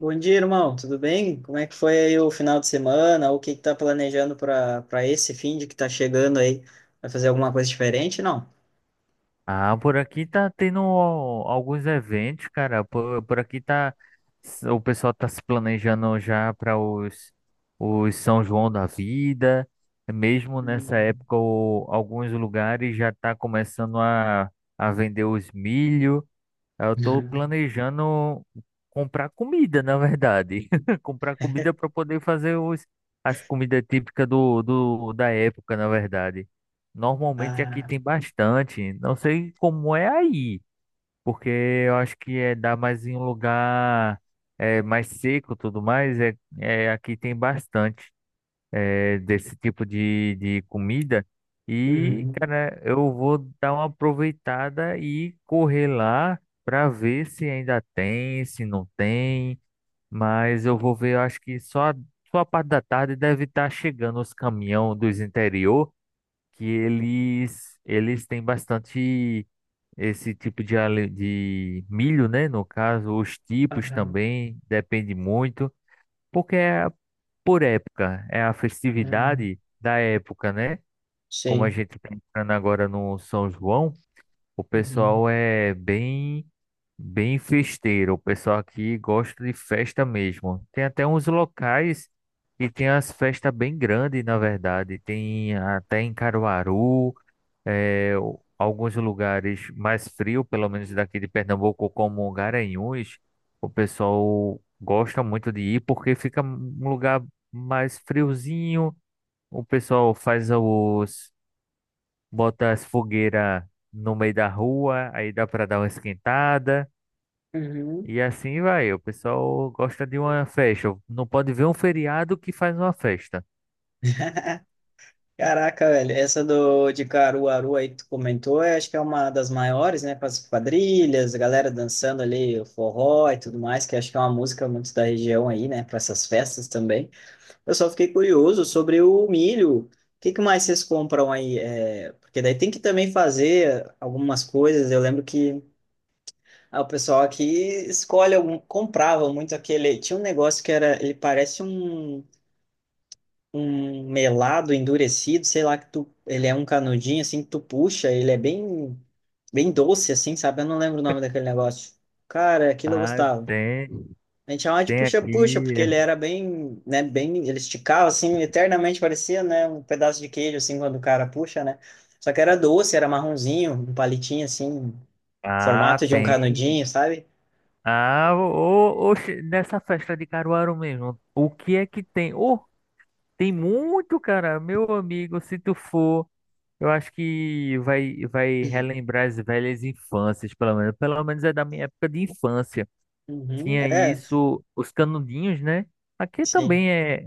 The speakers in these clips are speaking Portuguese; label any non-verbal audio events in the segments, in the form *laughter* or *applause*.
Bom dia, irmão. Tudo bem? Como é que foi aí o final de semana? O que que tá planejando para esse fim de que tá chegando aí? Vai fazer alguma coisa diferente? Não. Ah, por aqui tá tendo alguns eventos, cara. Por aqui tá. O pessoal tá se planejando já para os São João da Vida. Mesmo nessa Hum. época, alguns lugares já tá começando a vender os milho. Eu tô *laughs* planejando comprar comida, na verdade. *laughs* Comprar comida para poder fazer as comidas típicas da época, na verdade. Normalmente aqui Ah, tem bastante. Não sei como é aí, porque eu acho que é dá mais em um lugar é, mais seco, e tudo mais. Aqui tem bastante desse tipo de comida. E, uhum, cara, eu vou dar uma aproveitada e correr lá para ver se ainda tem, se não tem. Mas eu vou ver, eu acho que só a parte da tarde deve estar chegando os caminhão dos interior, que eles têm bastante esse tipo de, de milho, né? No caso, os tipos aham, também, depende muito. Porque é por época, é a uhum, festividade da época, né? Como a sei. gente está entrando agora no São João, o Uhum, pessoal é bem festeiro. O pessoal aqui gosta de festa mesmo. Tem até uns locais que tem as festas bem grandes, na verdade. Tem até em Caruaru é, alguns lugares mais frios, pelo menos daqui de Pernambuco, como Garanhuns, o pessoal gosta muito de ir porque fica um lugar mais friozinho. O pessoal faz bota as fogueiras no meio da rua, aí dá para dar uma esquentada. uhum. E assim vai, o pessoal gosta de uma festa. Não pode ver um feriado que faz uma festa. *laughs* Caraca, velho, essa do de Caruaru aí que tu comentou, eu acho que é uma das maiores, né, com as quadrilhas, a galera dançando ali o forró e tudo mais, que eu acho que é uma música muito da região aí, né, para essas festas também. Eu só fiquei curioso sobre o milho. O que que mais vocês compram aí? É, porque daí tem que também fazer algumas coisas. Eu lembro que ah, o pessoal aqui escolhe algum, comprava muito aquele. Tinha um negócio que era, ele parece um, um melado endurecido, sei lá que tu, ele é um canudinho assim que tu puxa, ele é bem doce assim, sabe? Eu não lembro o nome daquele negócio. Cara, aquilo eu Ah, gostava. tem, A gente chamava de tem puxa-puxa, aqui. porque ele É. era bem, né, bem, ele esticava assim, eternamente parecia, né, um pedaço de queijo assim quando o cara puxa, né? Só que era doce, era marronzinho, um palitinho assim, Ah, formato de um tem. canudinho, sabe? Ah, ô, oxe, nessa festa de Caruaru mesmo, o que é que tem? Oh, tem muito, cara, meu amigo, se tu for, eu acho que vai relembrar as velhas infâncias, pelo menos é da minha época de infância. Uhum, Tinha é, isso, os canudinhos, né? Aqui sim. também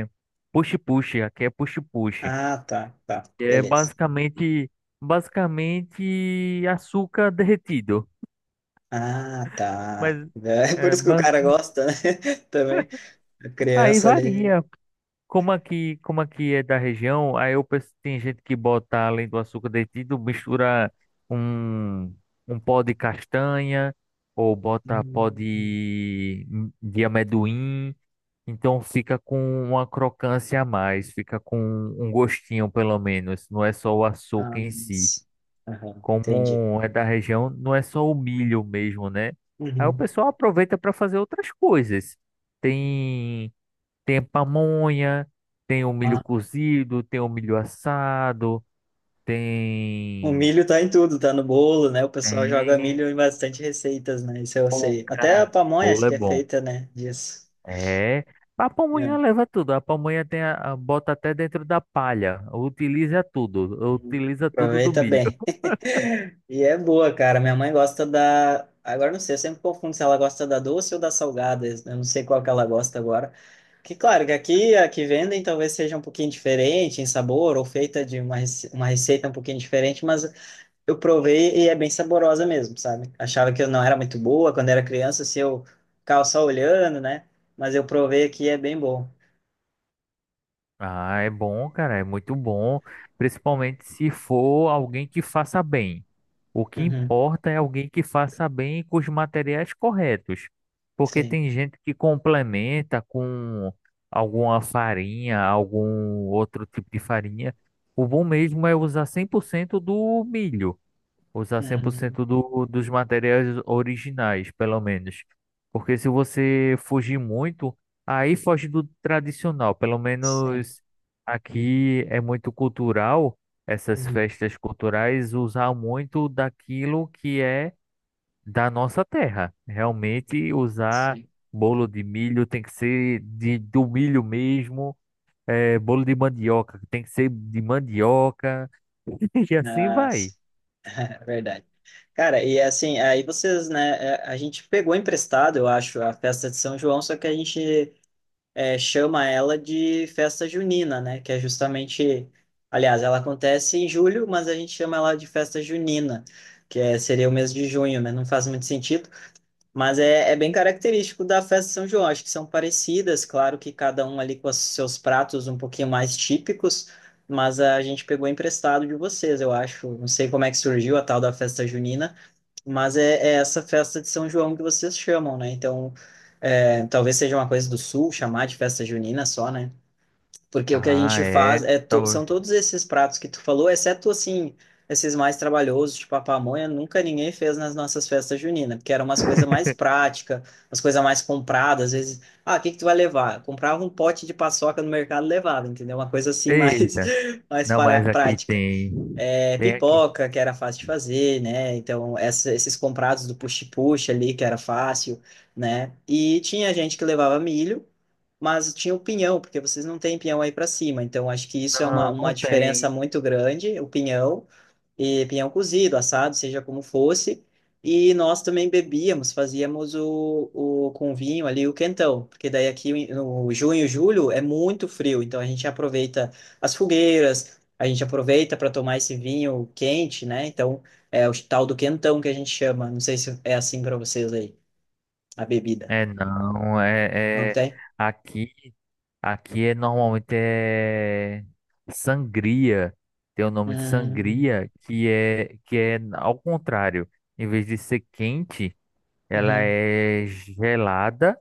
é puxe-puxe, aqui é puxe-puxe. Ah, tá, tá, É beleza. basicamente, basicamente açúcar derretido, Ah, tá. mas É *laughs* por é, isso que o bas- cara gosta, né? *laughs* Também. A aí criança ali. varia. Como aqui é da região, aí eu penso que tem gente que bota além do açúcar derretido, mistura um, um pó de castanha ou bota pó Hum, de, de amendoim, então fica com uma crocância a mais, fica com um gostinho pelo menos, não é só o ah, açúcar em si. mas- aham, entendi. Como é da região, não é só o milho mesmo, né? Aí o Uhum. pessoal aproveita para fazer outras coisas. Tem tem a pamonha, tem o milho Ah, cozido, tem o milho assado, o tem. milho tá em tudo, tá no bolo, né? O pessoal joga Tem. milho em bastante receitas, né? Isso eu Pô, sei. Até a cara, pamonha acho bolo é que é bom. feita, né? Disso. É. A É. pamonha leva tudo. A pamonha bota até dentro da palha. Utiliza tudo. Uhum. Utiliza tudo do Aproveita milho. bem. *laughs* E é boa, cara. Minha mãe gosta da. Agora não sei, eu sempre confundo se ela gosta da doce ou da salgada. Eu não sei qual que ela gosta agora. Que claro que aqui a que vendem talvez seja um pouquinho diferente em sabor ou feita de uma, rece- uma receita um pouquinho diferente, mas eu provei e é bem saborosa mesmo, sabe? Achava que eu não era muito boa quando era criança, se eu ficava só olhando, né? Mas eu provei aqui e é bem bom. Ah, é bom, cara, é muito bom, principalmente se for alguém que faça bem. O que Uhum, importa é alguém que faça bem com os materiais corretos, porque sim. tem gente que complementa com alguma farinha, algum outro tipo de farinha. O bom mesmo é usar 100% do milho. Usar cem por Uhum, cento dos materiais originais, pelo menos. Porque se você fugir muito, aí foge do tradicional. Pelo sim. menos aqui é muito cultural, essas Uhum, festas culturais, usar muito daquilo que é da nossa terra. Realmente, usar sim. bolo de milho tem que ser do milho mesmo, bolo de mandioca tem que ser de mandioca, *laughs* e assim Ah, sim. vai. É verdade. Cara, e assim, aí vocês, né? É, a gente pegou emprestado, eu acho, a festa de São João, só que a gente é, chama ela de festa junina, né? Que é justamente, aliás, ela acontece em julho, mas a gente chama ela de festa junina, que é, seria o mês de junho, né? Não faz muito sentido, mas é, é bem característico da festa de São João. Acho que são parecidas, claro que cada um ali com os seus pratos um pouquinho mais típicos, mas a gente pegou emprestado de vocês, eu acho. Não sei como é que surgiu a tal da festa junina. Mas é, é essa festa de São João que vocês chamam, né? Então, é, talvez seja uma coisa do Sul chamar de festa junina só, né? Porque o que a Ah, gente faz é. é to- são Talvez. todos esses pratos que tu falou, exceto assim, esses mais trabalhosos, tipo a pamonha, nunca ninguém fez nas nossas festas juninas, porque eram umas coisas mais *laughs* práticas, umas coisas mais compradas, às vezes, ah, o que que tu vai levar? Comprava um pote de paçoca no mercado e levava, entendeu? Uma coisa assim mais Eita. *laughs* mais Não, para mas aqui prática tem. é, Tem aqui. pipoca, que era fácil de fazer, né? Então, essa- esses comprados do puxa-puxa ali, que era fácil, né? E tinha gente que levava milho, mas tinha o pinhão, porque vocês não têm pinhão aí para cima. Então, acho que isso é Não, uma não diferença tem. muito grande, o pinhão e pinhão cozido, assado, seja como fosse. E nós também bebíamos, fazíamos o com vinho ali o quentão, porque daí aqui no junho, julho é muito frio, então a gente aproveita as fogueiras, a gente aproveita para tomar esse vinho quente, né? Então é o tal do quentão que a gente chama. Não sei se é assim para vocês aí, a bebida. É não, Não é, é tem? aqui, aqui normalmente é sangria. Tem o nome de Hum, sangria que é ao contrário. Em vez de ser quente, ela uhum, é gelada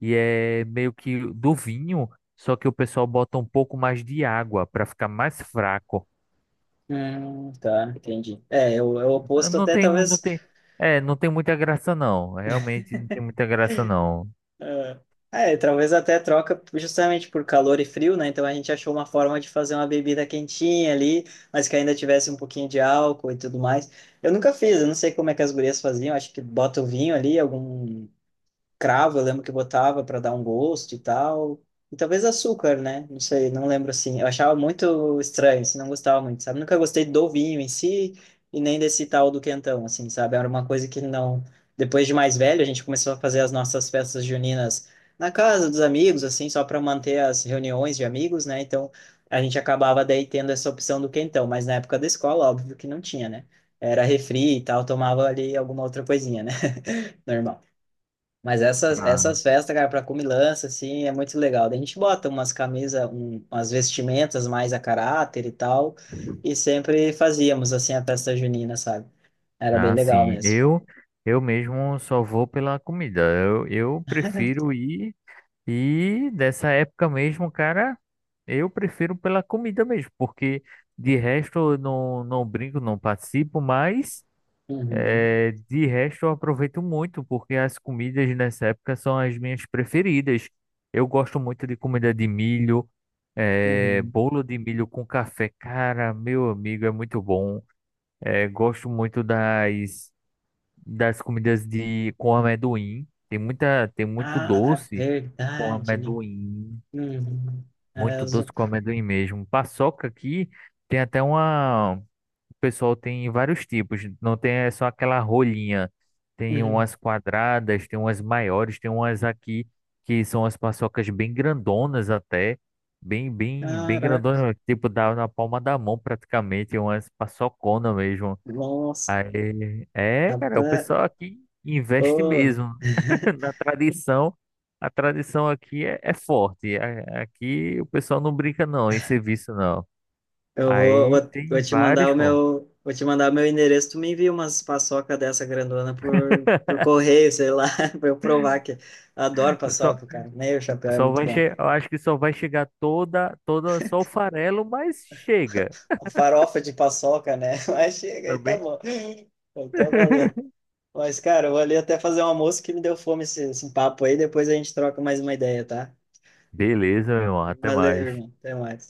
e é meio que do vinho, só que o pessoal bota um pouco mais de água para ficar mais fraco. Tá, entendi. É, é o é o oposto Não até tem, não talvez tem, é, não tem muita graça não. Realmente não tem muita graça não. é, é, talvez até troca justamente por calor e frio, né? Então a gente achou uma forma de fazer uma bebida quentinha ali, mas que ainda tivesse um pouquinho de álcool e tudo mais. Eu nunca fiz, eu não sei como é que as gurias faziam, acho que bota o vinho ali, algum cravo, eu lembro que botava para dar um gosto e tal. E talvez açúcar, né? Não sei, não lembro assim. Eu achava muito estranho, assim, não gostava muito, sabe? Nunca gostei do vinho em si e nem desse tal do quentão, assim, sabe? Era uma coisa que não. Depois de mais velho, a gente começou a fazer as nossas festas juninas na casa dos amigos, assim, só para manter as reuniões de amigos, né? Então a gente acabava daí tendo essa opção do quentão, mas na época da escola, óbvio que não tinha, né? Era refri e tal, tomava ali alguma outra coisinha, né? *laughs* Normal. Mas essas festas, cara, pra comilança, assim, é muito legal. Daí a gente bota umas camisas, um, umas vestimentas mais a caráter e tal, e sempre fazíamos, assim, a festa junina, sabe? Era bem legal Assim, mesmo. eu mesmo só vou pela comida. Eu prefiro ir e dessa época mesmo, cara, eu prefiro pela comida mesmo, porque de resto eu não brinco, não participo, mas Uhum, é, de resto, eu aproveito muito, porque as comidas nessa época são as minhas preferidas. Eu gosto muito de comida de milho, é, uhum. bolo de milho com café. Cara, meu amigo, é muito bom. É, gosto muito das comidas com amendoim. Tem muito Ah, é doce com verdade, né? amendoim. Uhum. É, Muito os- doce com amendoim mesmo. Paçoca aqui tem até uma pessoal tem vários tipos, não tem é só aquela rolinha. Tem uhum. umas quadradas, tem umas maiores, tem umas aqui que são as paçocas bem grandonas até, bem Caraca, grandonas, tipo dá na palma da mão praticamente, umas paçocona mesmo. nossa, Aí, é, cara, o rapaz, pessoal aqui investe oh. mesmo *laughs* *laughs* na tradição. A tradição aqui é forte. A- Aqui o pessoal não brinca não, em serviço não. Eu vou, Aí vou, vou tem te vários, mandar o pô. meu, vou te mandar o meu endereço. Tu me envia umas paçoca dessa grandona por correio, sei lá, *laughs* pra eu provar que adoro paçoca, cara. Meio chapéu é Só muito vai bom. che... Eu acho que só vai chegar toda, só o farelo, mas chega Farofa de paçoca, né? *laughs* Mas chega aí, tá também. bom. Eu tô valendo. *laughs* Mas, cara, eu vou ali até fazer um almoço que me deu fome esse papo aí. Depois a gente troca mais uma ideia, tá? Beleza, meu irmão. Até Valeu, mais. irmão. Até mais.